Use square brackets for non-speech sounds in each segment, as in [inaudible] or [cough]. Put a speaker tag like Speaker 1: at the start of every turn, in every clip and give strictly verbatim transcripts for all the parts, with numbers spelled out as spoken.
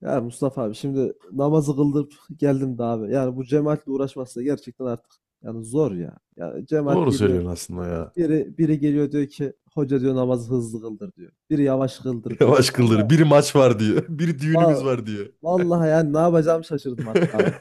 Speaker 1: Ya Mustafa abi şimdi namazı kıldım geldim de abi. Yani bu cemaatle uğraşması da gerçekten artık yani zor ya. Yani cemaat
Speaker 2: Doğru
Speaker 1: geliyor,
Speaker 2: söylüyorsun aslında ya.
Speaker 1: biri biri geliyor diyor ki hoca, diyor, namazı hızlı kıldır diyor. Biri yavaş kıldır
Speaker 2: [laughs]
Speaker 1: diyor.
Speaker 2: Yavaş
Speaker 1: Vallahi
Speaker 2: kıldır. Bir maç var diyor. [laughs] Bir düğünümüz
Speaker 1: va-
Speaker 2: var diyor.
Speaker 1: vallahi yani ne yapacağımı
Speaker 2: [laughs]
Speaker 1: şaşırdım artık abi.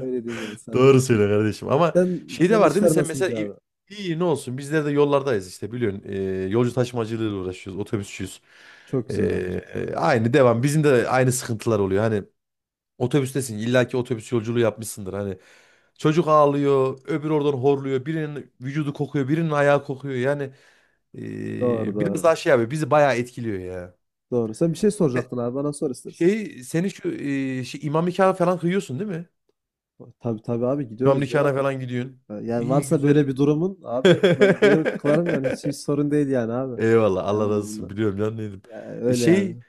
Speaker 1: Öyle diyeyim yani sana.
Speaker 2: Doğru söyle kardeşim.
Speaker 1: [laughs]
Speaker 2: Ama
Speaker 1: Sen
Speaker 2: şey de
Speaker 1: senin
Speaker 2: var değil mi?
Speaker 1: işler
Speaker 2: Sen
Speaker 1: nasıl
Speaker 2: mesela
Speaker 1: gidiyor
Speaker 2: i-
Speaker 1: abi?
Speaker 2: iyi ne olsun? Bizler de yollardayız işte biliyorsun. Ee, yolcu taşımacılığıyla uğraşıyoruz. Otobüsçüyüz.
Speaker 1: Çok
Speaker 2: Ee,
Speaker 1: güzel abi. Çok. Güzel.
Speaker 2: e, aynı devam. Bizim de aynı sıkıntılar oluyor. Hani otobüstesin. İllaki otobüs yolculuğu yapmışsındır. Hani çocuk ağlıyor. Öbür oradan horluyor. Birinin vücudu kokuyor. Birinin ayağı kokuyor. Yani
Speaker 1: Doğru,
Speaker 2: ee, biraz
Speaker 1: doğru.
Speaker 2: daha şey abi bizi bayağı etkiliyor ya.
Speaker 1: Doğru. Sen bir şey
Speaker 2: E,
Speaker 1: soracaktın abi, bana sor istersen.
Speaker 2: Şey seni şu e, şey, imam nikahı falan kıyıyorsun değil mi?
Speaker 1: Tabii tabii abi,
Speaker 2: İmam
Speaker 1: gidiyoruz
Speaker 2: nikahına
Speaker 1: ya.
Speaker 2: falan gidiyorsun.
Speaker 1: Yani
Speaker 2: İyi
Speaker 1: varsa
Speaker 2: güzel.
Speaker 1: böyle bir durumun abi, ben gelir kılarım yani, hiç, hiç
Speaker 2: [laughs]
Speaker 1: sorun değil yani abi.
Speaker 2: Eyvallah Allah razı
Speaker 1: Yani,
Speaker 2: olsun biliyorum lan dedim. E,
Speaker 1: öyle
Speaker 2: Şey
Speaker 1: yani.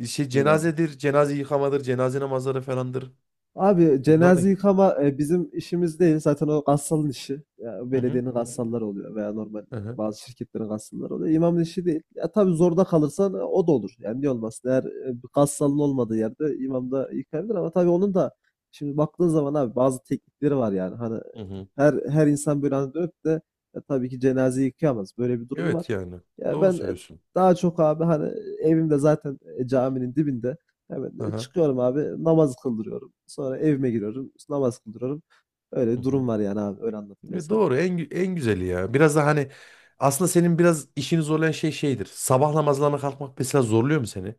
Speaker 2: e, şey
Speaker 1: Buyur abi.
Speaker 2: cenazedir, cenaze yıkamadır, cenaze namazları falandır.
Speaker 1: Abi
Speaker 2: Bunlar da.
Speaker 1: cenaze yıkama e, bizim işimiz değil. Zaten o gassalın işi. Ya,
Speaker 2: Hı hı.
Speaker 1: belediyenin gassalları oluyor veya normal e,
Speaker 2: Hı hı.
Speaker 1: bazı şirketlerin gassalları oluyor. İmamın işi değil. Ya tabii zorda kalırsan e, o da olur. Yani niye olmasın? Eğer e, bir gassalın olmadığı yerde imam da yıkayabilir, ama tabii onun da, şimdi baktığın zaman abi, bazı teknikleri var yani. Hani
Speaker 2: Hı hı.
Speaker 1: her her insan böyle hani dönüp de e, tabii ki cenaze yıkayamaz. Böyle bir durum var.
Speaker 2: Evet yani
Speaker 1: Ya
Speaker 2: doğru
Speaker 1: ben e,
Speaker 2: söylüyorsun.
Speaker 1: daha çok abi hani evimde zaten, e, caminin dibinde. Evet, e,
Speaker 2: Aha.
Speaker 1: çıkıyorum abi, namaz kıldırıyorum. Sonra evime giriyorum, işte namaz kıldırıyorum.
Speaker 2: Hı
Speaker 1: Öyle
Speaker 2: hı.
Speaker 1: durum var yani abi, öyle anlattım ben
Speaker 2: E,
Speaker 1: sana.
Speaker 2: doğru en gü- en güzeli ya. Biraz da hani aslında senin biraz işini zorlayan şey şeydir. Sabah namazlarına kalkmak mesela zorluyor mu seni?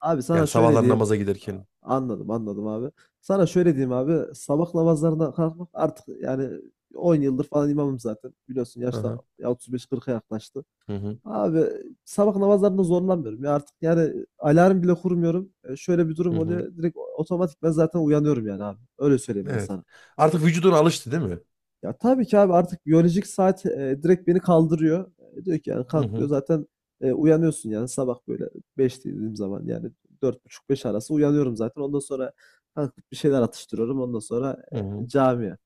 Speaker 1: Abi sana
Speaker 2: Yani
Speaker 1: şöyle
Speaker 2: sabahlar
Speaker 1: diyeyim,
Speaker 2: namaza giderken.
Speaker 1: anladım anladım abi. Sana şöyle diyeyim abi, sabah namazlarına kalkmak artık yani on yıldır falan imamım zaten. Biliyorsun yaşta
Speaker 2: Aha.
Speaker 1: otuz beş kırka yaklaştı.
Speaker 2: Hı hı.
Speaker 1: Abi sabah namazlarında zorlanmıyorum ya artık, yani alarm bile kurmuyorum. E, şöyle bir
Speaker 2: Hı
Speaker 1: durum
Speaker 2: hı.
Speaker 1: oluyor, direkt otomatik ben zaten uyanıyorum yani abi. Öyle söyleyeyim ben
Speaker 2: Evet.
Speaker 1: sana.
Speaker 2: Artık vücuduna alıştı değil mi?
Speaker 1: Ya tabii ki abi, artık biyolojik saat, eee, direkt beni kaldırıyor. Eee, diyor ki yani
Speaker 2: Hı
Speaker 1: kalk diyor.
Speaker 2: hı.
Speaker 1: Zaten, eee, uyanıyorsun yani sabah böyle beş dediğim zaman yani, dört buçuk beş arası uyanıyorum zaten. Ondan sonra kalkıp bir şeyler atıştırıyorum. Ondan sonra,
Speaker 2: Hı
Speaker 1: eee,
Speaker 2: hı.
Speaker 1: camiye.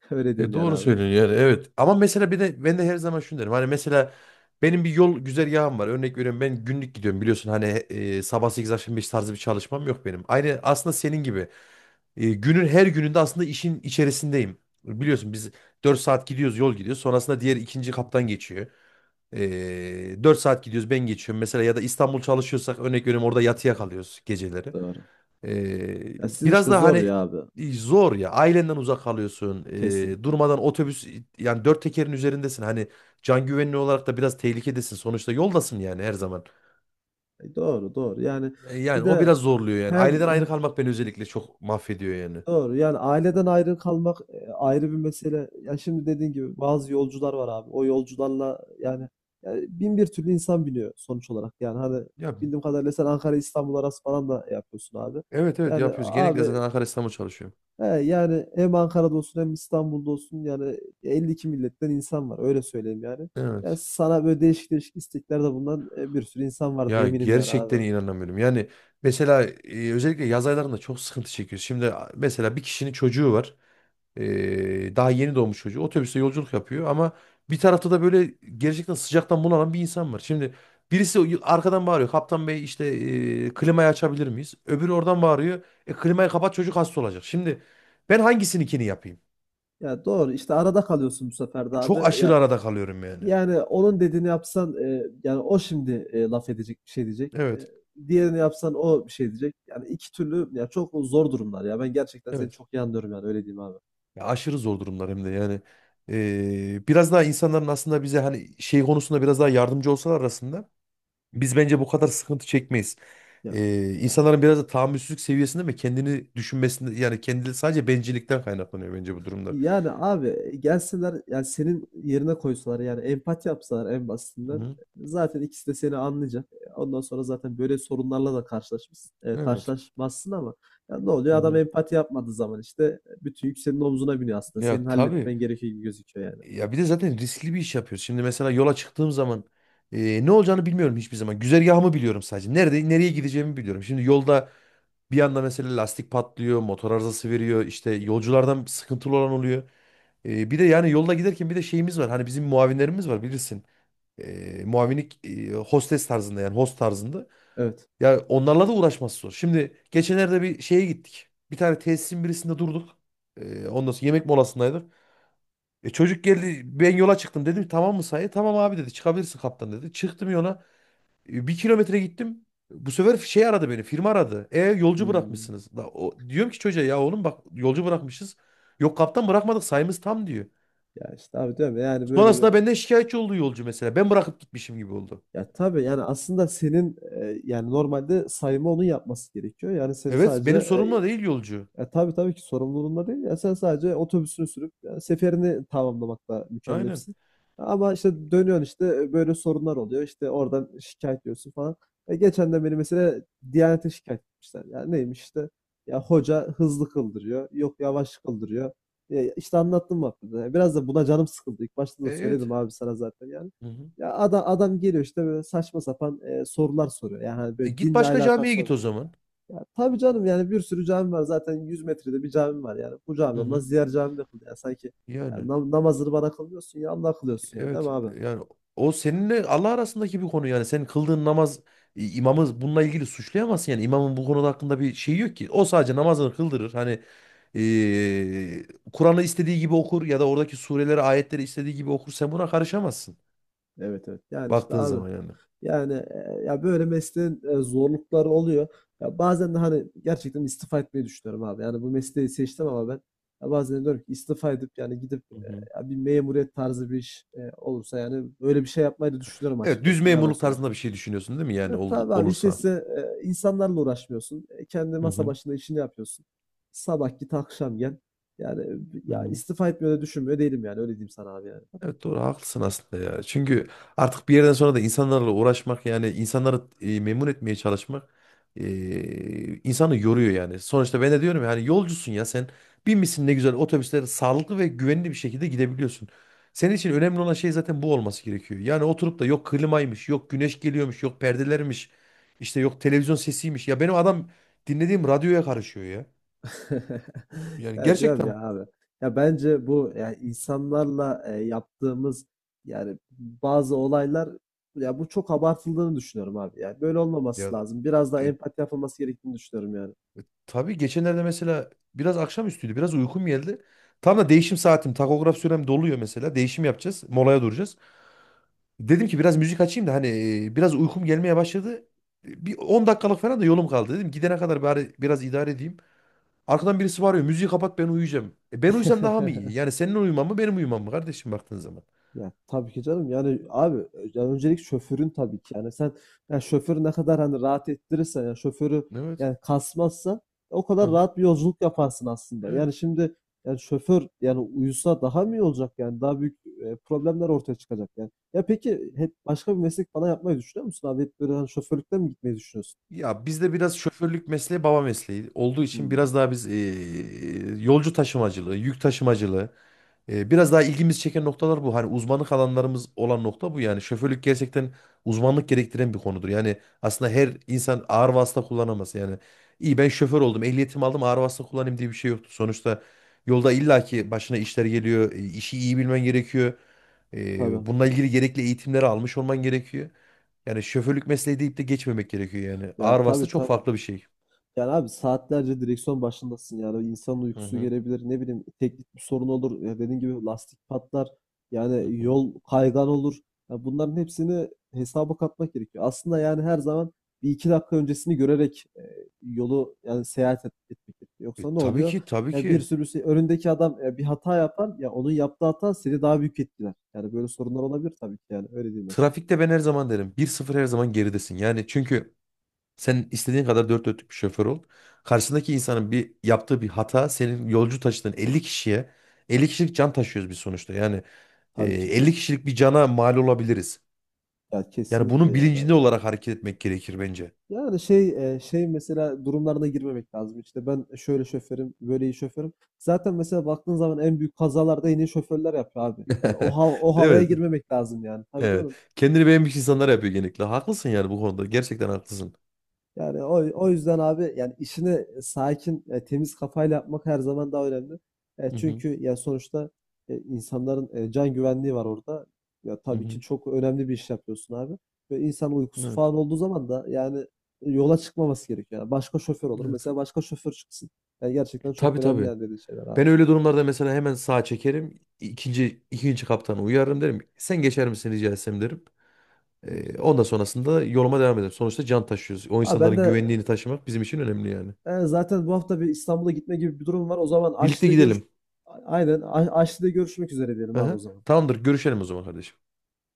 Speaker 1: [laughs] Öyle
Speaker 2: E
Speaker 1: diyeyim yani
Speaker 2: doğru
Speaker 1: abi.
Speaker 2: söylüyorsun yani evet. Ama mesela bir de ben de her zaman şunu derim. Hani mesela benim bir yol güzergahım var. Örnek veriyorum ben günlük gidiyorum biliyorsun. Hani e, sabah sekiz akşam beş tarzı bir çalışmam yok benim. Aynı aslında senin gibi. E, günün her gününde aslında işin içerisindeyim. Biliyorsun biz dört saat gidiyoruz, yol gidiyoruz. Sonrasında diğer ikinci kaptan geçiyor. E, dört saat gidiyoruz, ben geçiyorum. Mesela ya da İstanbul çalışıyorsak, örnek veriyorum, orada yatıya kalıyoruz geceleri.
Speaker 1: Doğru.
Speaker 2: Ee,
Speaker 1: Ya sizin
Speaker 2: biraz
Speaker 1: işte
Speaker 2: da
Speaker 1: zor
Speaker 2: hani
Speaker 1: ya abi.
Speaker 2: e, zor ya. Ailenden uzak kalıyorsun. Ee,
Speaker 1: Kesinlikle.
Speaker 2: durmadan otobüs, yani dört tekerin üzerindesin. Hani can güvenliği olarak da biraz tehlikedesin. Sonuçta yoldasın yani her zaman.
Speaker 1: E, doğru, doğru. Yani
Speaker 2: E,
Speaker 1: bir
Speaker 2: yani o biraz
Speaker 1: de
Speaker 2: zorluyor yani.
Speaker 1: hem.
Speaker 2: Aileden ayrı kalmak beni özellikle çok mahvediyor yani.
Speaker 1: Doğru. Yani aileden ayrı kalmak e, ayrı bir mesele. Ya şimdi dediğin gibi bazı yolcular var abi. O yolcularla yani, yani bin bir türlü insan biniyor sonuç olarak. Yani hani
Speaker 2: Ya,
Speaker 1: bildiğim kadarıyla sen Ankara İstanbul arası falan da yapıyorsun abi.
Speaker 2: evet, evet,
Speaker 1: Yani
Speaker 2: yapıyoruz. Genellikle
Speaker 1: abi,
Speaker 2: zaten Ankara İstanbul çalışıyorum.
Speaker 1: he, yani hem Ankara'da olsun hem İstanbul'da olsun yani elli iki milletten insan var. Öyle söyleyeyim yani. Ya
Speaker 2: Evet.
Speaker 1: sana böyle değişik değişik isteklerde bulunan e, bir sürü insan vardır
Speaker 2: Ya
Speaker 1: eminim yani abi.
Speaker 2: gerçekten inanamıyorum. Yani mesela e, özellikle yaz aylarında çok sıkıntı çekiyoruz. Şimdi a- mesela bir kişinin çocuğu var. Ee, daha yeni doğmuş çocuğu. Otobüste yolculuk yapıyor ama bir tarafta da böyle gerçekten sıcaktan bunalan bir insan var. Şimdi birisi arkadan bağırıyor. Kaptan Bey işte e, klimayı açabilir miyiz? Öbürü oradan bağırıyor. E, klimayı kapat, çocuk hasta olacak. Şimdi ben hangisininkini yapayım?
Speaker 1: Ya doğru, işte arada kalıyorsun bu sefer de abi.
Speaker 2: Çok aşırı
Speaker 1: Ya,
Speaker 2: arada kalıyorum yani.
Speaker 1: yani onun dediğini yapsan, eee, yani o şimdi, eee, laf edecek, bir şey diyecek. Eee,
Speaker 2: Evet.
Speaker 1: diğerini yapsan o bir şey diyecek. Yani iki türlü ya, çok zor durumlar ya. Ben gerçekten seni
Speaker 2: Evet.
Speaker 1: çok iyi anlıyorum yani, öyle diyeyim abi.
Speaker 2: Ya aşırı zor durumlar hem de yani. Ee, biraz daha insanların aslında bize hani şey konusunda biraz daha yardımcı olsalar arasında biz bence bu kadar sıkıntı çekmeyiz.
Speaker 1: Ya
Speaker 2: Ee, insanların biraz da tahammülsüzlük seviyesinde mi kendini düşünmesinde, yani kendi sadece bencillikten kaynaklanıyor bence bu durumlar.
Speaker 1: yani abi, eee, gelseler yani senin yerine koysalar yani empati yapsalar, en
Speaker 2: Hı
Speaker 1: basitinden
Speaker 2: hı.
Speaker 1: zaten ikisi de seni anlayacak. E, ondan sonra zaten böyle sorunlarla da karşılaşmış eee,
Speaker 2: Evet.
Speaker 1: karşılaşmazsın ama ya ne
Speaker 2: Hı
Speaker 1: oluyor? Adam
Speaker 2: hı.
Speaker 1: empati yapmadığı zaman işte e, bütün yük senin omzuna biniyor aslında. Senin
Speaker 2: Ya tabii.
Speaker 1: halletmen gerekiyor gibi gözüküyor yani.
Speaker 2: Ya bir de zaten riskli bir iş yapıyoruz. Şimdi mesela yola çıktığım zaman e, ne olacağını bilmiyorum hiçbir zaman. Güzergahımı biliyorum sadece. Nerede nereye gideceğimi biliyorum. Şimdi yolda bir anda mesela lastik patlıyor, motor arızası veriyor, işte yolculardan sıkıntılı olan oluyor. E, bir de yani yolda giderken bir de şeyimiz var. Hani bizim muavinlerimiz var bilirsin. e, muavinlik e, hostes tarzında, yani host tarzında.
Speaker 1: Evet.
Speaker 2: Ya onlarla da uğraşması zor. Şimdi geçenlerde bir şeye gittik. Bir tane tesisin birisinde durduk. E, ondan sonra yemek molasındaydık. E, çocuk geldi, ben yola çıktım dedim, tamam mı sayı? Tamam abi dedi, çıkabilirsin kaptan dedi. Çıktım yola. E, bir kilometre gittim. Bu sefer şey aradı, beni firma aradı. E yolcu
Speaker 1: Hımm.
Speaker 2: bırakmışsınız. Da, o, diyorum ki çocuğa, ya oğlum bak yolcu bırakmışız. Yok kaptan, bırakmadık, sayımız tam diyor.
Speaker 1: Ya, işte abi, diyorum ya, yani böyle
Speaker 2: Sonrasında
Speaker 1: böyle.
Speaker 2: benden şikayetçi oldu yolcu mesela. Ben bırakıp gitmişim gibi oldu.
Speaker 1: Ya, tabii, yani aslında senin, eee, yani normalde sayma onun yapması gerekiyor. Yani senin
Speaker 2: Evet,
Speaker 1: sadece,
Speaker 2: benim sorumla değil yolcu.
Speaker 1: ya tabii tabii ki sorumluluğunda değil. Ya sen sadece otobüsünü sürüp ya, seferini tamamlamakla
Speaker 2: Aynen.
Speaker 1: mükellefsin. Ama işte dönüyorsun, işte e, böyle sorunlar oluyor. İşte oradan şikayet ediyorsun falan. E geçen de beni mesela Diyanet'e şikayet etmişler. Ya neymiş işte, ya hoca hızlı kıldırıyor. Yok, yavaş kıldırıyor. E, işte anlattım bak. Burada. Biraz da buna canım sıkıldı. İlk başta
Speaker 2: E,
Speaker 1: da
Speaker 2: evet.
Speaker 1: söyledim abi sana zaten yani.
Speaker 2: Hı hı.
Speaker 1: Ya adam, adam geliyor işte böyle saçma sapan e, sorular soruyor. Yani hani
Speaker 2: E,
Speaker 1: böyle
Speaker 2: git
Speaker 1: dinle
Speaker 2: başka camiye
Speaker 1: alakası
Speaker 2: git
Speaker 1: olan.
Speaker 2: o zaman.
Speaker 1: Ya tabii canım, yani bir sürü cami var zaten, yüz metrede bir cami var yani, bu cami
Speaker 2: Hı hı.
Speaker 1: olmaz diğer cami de kıl yani, sanki yani
Speaker 2: Yani
Speaker 1: nam- namazını bana kılmıyorsun ya, Allah kılıyorsun yani, değil
Speaker 2: evet,
Speaker 1: mi abi?
Speaker 2: yani o seninle Allah arasındaki bir konu, yani senin kıldığın namaz, i- imamı bununla ilgili suçlayamazsın, yani imamın bu konuda hakkında bir şey yok ki. O sadece namazını kıldırır. Hani e, Kur'an'ı istediği gibi okur ya da oradaki sureleri, ayetleri istediği gibi okur. Sen buna karışamazsın
Speaker 1: Evet evet, yani işte
Speaker 2: baktığın
Speaker 1: abi,
Speaker 2: zaman yani.
Speaker 1: yani e, ya böyle mesleğin e, zorlukları oluyor ya. Bazen de hani gerçekten istifa etmeyi düşünüyorum abi, yani bu mesleği seçtim ama ben, ya bazen diyorum ki istifa edip yani gidip,
Speaker 2: Hı
Speaker 1: e,
Speaker 2: hı.
Speaker 1: ya bir memuriyet tarzı bir iş e, olursa yani böyle bir şey yapmayı da düşünüyorum
Speaker 2: Evet, düz
Speaker 1: açıkçası, ne yalan
Speaker 2: memurluk
Speaker 1: söyleyeyim.
Speaker 2: tarzında bir şey düşünüyorsun değil mi yani
Speaker 1: Ya
Speaker 2: ol-
Speaker 1: tabii abi, işte
Speaker 2: olursa?
Speaker 1: size, e, insanlarla uğraşmıyorsun. E, kendi
Speaker 2: Hı
Speaker 1: masa
Speaker 2: hı.
Speaker 1: başında işini yapıyorsun. Sabah git, akşam gel. Yani e,
Speaker 2: Hı
Speaker 1: ya
Speaker 2: hı.
Speaker 1: istifa etmiyor da düşünmüyor değilim yani, öyle diyeyim sana abi yani.
Speaker 2: Evet, doğru haklısın aslında ya. Çünkü artık bir yerden sonra da insanlarla uğraşmak, yani insanları e, memnun etmeye çalışmak e, insanı yoruyor yani. Sonuçta ben de diyorum yani yolcusun ya sen, binmişsin ne güzel otobüslere, sağlıklı ve güvenli bir şekilde gidebiliyorsun. Senin için önemli olan şey zaten bu olması gerekiyor. Yani oturup da yok klimaymış, yok güneş geliyormuş, yok perdelermiş, işte yok televizyon sesiymiş. Ya benim adam dinlediğim radyoya karışıyor ya.
Speaker 1: [laughs]
Speaker 2: Yani
Speaker 1: Ya diyorum
Speaker 2: gerçekten
Speaker 1: ya abi. Ya bence bu yani insanlarla e, yaptığımız yani bazı olaylar, ya bu çok abartıldığını düşünüyorum abi. Yani böyle
Speaker 2: ya.
Speaker 1: olmaması lazım. Biraz daha
Speaker 2: e,
Speaker 1: empati yapılması gerektiğini düşünüyorum yani.
Speaker 2: Tabii geçenlerde mesela biraz akşamüstüydü. Biraz uykum geldi. Tam da değişim saatim. Takograf sürem doluyor mesela. Değişim yapacağız. Molaya duracağız. Dedim ki biraz müzik açayım da hani e, biraz uykum gelmeye başladı. Bir on dakikalık falan da yolum kaldı. Dedim gidene kadar bari biraz idare edeyim. Arkadan birisi bağırıyor, müziği kapat ben uyuyacağım. E, ben uyusam daha mı iyi?
Speaker 1: [laughs]
Speaker 2: Yani senin uyuman mı benim uyumam mı kardeşim baktığın zaman.
Speaker 1: Ya tabii ki canım. Yani abi, ya öncelik şoförün tabii ki. Yani sen, ya şoförü ne kadar hani rahat ettirirsen ya, şoförü
Speaker 2: Evet.
Speaker 1: yani kasmazsa o kadar
Speaker 2: Aha,
Speaker 1: rahat bir yolculuk yaparsın aslında. Yani
Speaker 2: evet.
Speaker 1: şimdi yani şoför yani, uyusa daha mı iyi olacak yani, daha büyük e, problemler ortaya çıkacak yani. Ya peki hep başka bir meslek bana yapmayı düşünüyor musun abi? Hep böyle hani şoförlükten mi gitmeyi düşünüyorsun?
Speaker 2: Ya bizde biraz şoförlük mesleği baba mesleği olduğu için
Speaker 1: Hmm,
Speaker 2: biraz daha biz e, yolcu taşımacılığı, yük taşımacılığı e, biraz daha ilgimiz çeken noktalar bu. Hani uzmanlık alanlarımız olan nokta bu yani. Şoförlük gerçekten uzmanlık gerektiren bir konudur. Yani aslında her insan ağır vasıta kullanamaz. Yani iyi ben şoför oldum, ehliyetimi aldım, ağır vasıta kullanayım diye bir şey yoktur. Sonuçta yolda illaki başına işler geliyor, e, işi iyi bilmen gerekiyor. E,
Speaker 1: tabii.
Speaker 2: bununla ilgili gerekli eğitimleri almış olman gerekiyor. Yani şoförlük mesleği deyip de geçmemek gerekiyor yani. Ağır
Speaker 1: Ya
Speaker 2: vasıta
Speaker 1: tabii
Speaker 2: çok
Speaker 1: tabii.
Speaker 2: farklı bir şey.
Speaker 1: Yani abi saatlerce direksiyon başındasın, yani insanın
Speaker 2: Hı
Speaker 1: uykusu
Speaker 2: hı.
Speaker 1: gelebilir, ne bileyim teknik bir sorun olur ya, dediğin gibi lastik patlar
Speaker 2: Hı
Speaker 1: yani,
Speaker 2: hı.
Speaker 1: yol kaygan olur ya, bunların hepsini hesaba katmak gerekiyor. Aslında yani her zaman bir iki dakika öncesini görerek e, yolu yani seyahat et, etmek gerekiyor.
Speaker 2: E,
Speaker 1: Yoksa ne
Speaker 2: tabii
Speaker 1: oluyor?
Speaker 2: ki, tabii
Speaker 1: Ya bir
Speaker 2: ki.
Speaker 1: sürü şey, önündeki adam e, bir hata yapar ya, onun yaptığı hata seni daha büyük etkiler. Yani böyle sorunlar olabilir tabii ki yani, öyle değil mesela.
Speaker 2: Trafikte ben her zaman derim, bir sıfır her zaman geridesin. Yani çünkü sen istediğin kadar dört dörtlük bir şoför ol, karşındaki insanın bir yaptığı bir hata senin yolcu taşıdığın elli kişiye, elli kişilik can taşıyoruz biz sonuçta. Yani e,
Speaker 1: Tabii ki.
Speaker 2: elli kişilik bir cana mal olabiliriz.
Speaker 1: Ya
Speaker 2: Yani
Speaker 1: kesinlikle
Speaker 2: bunun
Speaker 1: yani
Speaker 2: bilincinde
Speaker 1: abi.
Speaker 2: olarak hareket etmek gerekir bence.
Speaker 1: Yani şey e, şey mesela durumlarına girmemek lazım. İşte ben şöyle şoförüm, böyle iyi şoförüm. Zaten mesela baktığın zaman en büyük kazalarda yine iyi şoförler yapıyor abi. Yani o
Speaker 2: [laughs]
Speaker 1: hav- o
Speaker 2: Değil
Speaker 1: havaya
Speaker 2: mi?
Speaker 1: girmemek lazım yani. Tabii
Speaker 2: Evet.
Speaker 1: canım.
Speaker 2: Kendini beğenmiş insanlar yapıyor genellikle. Haklısın yani bu konuda. Gerçekten haklısın.
Speaker 1: Yani o, o yüzden abi yani işini e, sakin, e, temiz kafayla yapmak her zaman daha önemli. E,
Speaker 2: Hı hı.
Speaker 1: çünkü ya sonuçta e, insanların e, can güvenliği var orada. Ya
Speaker 2: Hı
Speaker 1: tabii ki
Speaker 2: hı.
Speaker 1: çok önemli bir iş yapıyorsun abi. Ve insan uykusu
Speaker 2: Evet.
Speaker 1: falan olduğu zaman da yani e, yola çıkmaması gerekiyor. Yani başka şoför olur.
Speaker 2: Evet.
Speaker 1: Mesela başka şoför çıksın. Yani gerçekten çok
Speaker 2: Tabii,
Speaker 1: önemli
Speaker 2: tabii.
Speaker 1: yani dediğin şeyler
Speaker 2: Ben
Speaker 1: abi.
Speaker 2: öyle durumlarda mesela hemen sağa çekerim. İkinci, ikinci kaptanı uyarırım derim. Sen geçer misin rica etsem derim.
Speaker 1: Çok
Speaker 2: Ee,
Speaker 1: güzel.
Speaker 2: ondan sonrasında yoluma devam ederim. Sonuçta can taşıyoruz. O
Speaker 1: Abi ben
Speaker 2: insanların
Speaker 1: de
Speaker 2: güvenliğini taşımak bizim için önemli yani.
Speaker 1: e, zaten bu hafta bir İstanbul'a gitme gibi bir durum var. O zaman
Speaker 2: Birlikte
Speaker 1: Aşli'de görüş,
Speaker 2: gidelim.
Speaker 1: aynen, A- Aşli'de görüşmek üzere diyelim abi o
Speaker 2: Aha.
Speaker 1: zaman.
Speaker 2: Tamamdır. Görüşelim o zaman kardeşim.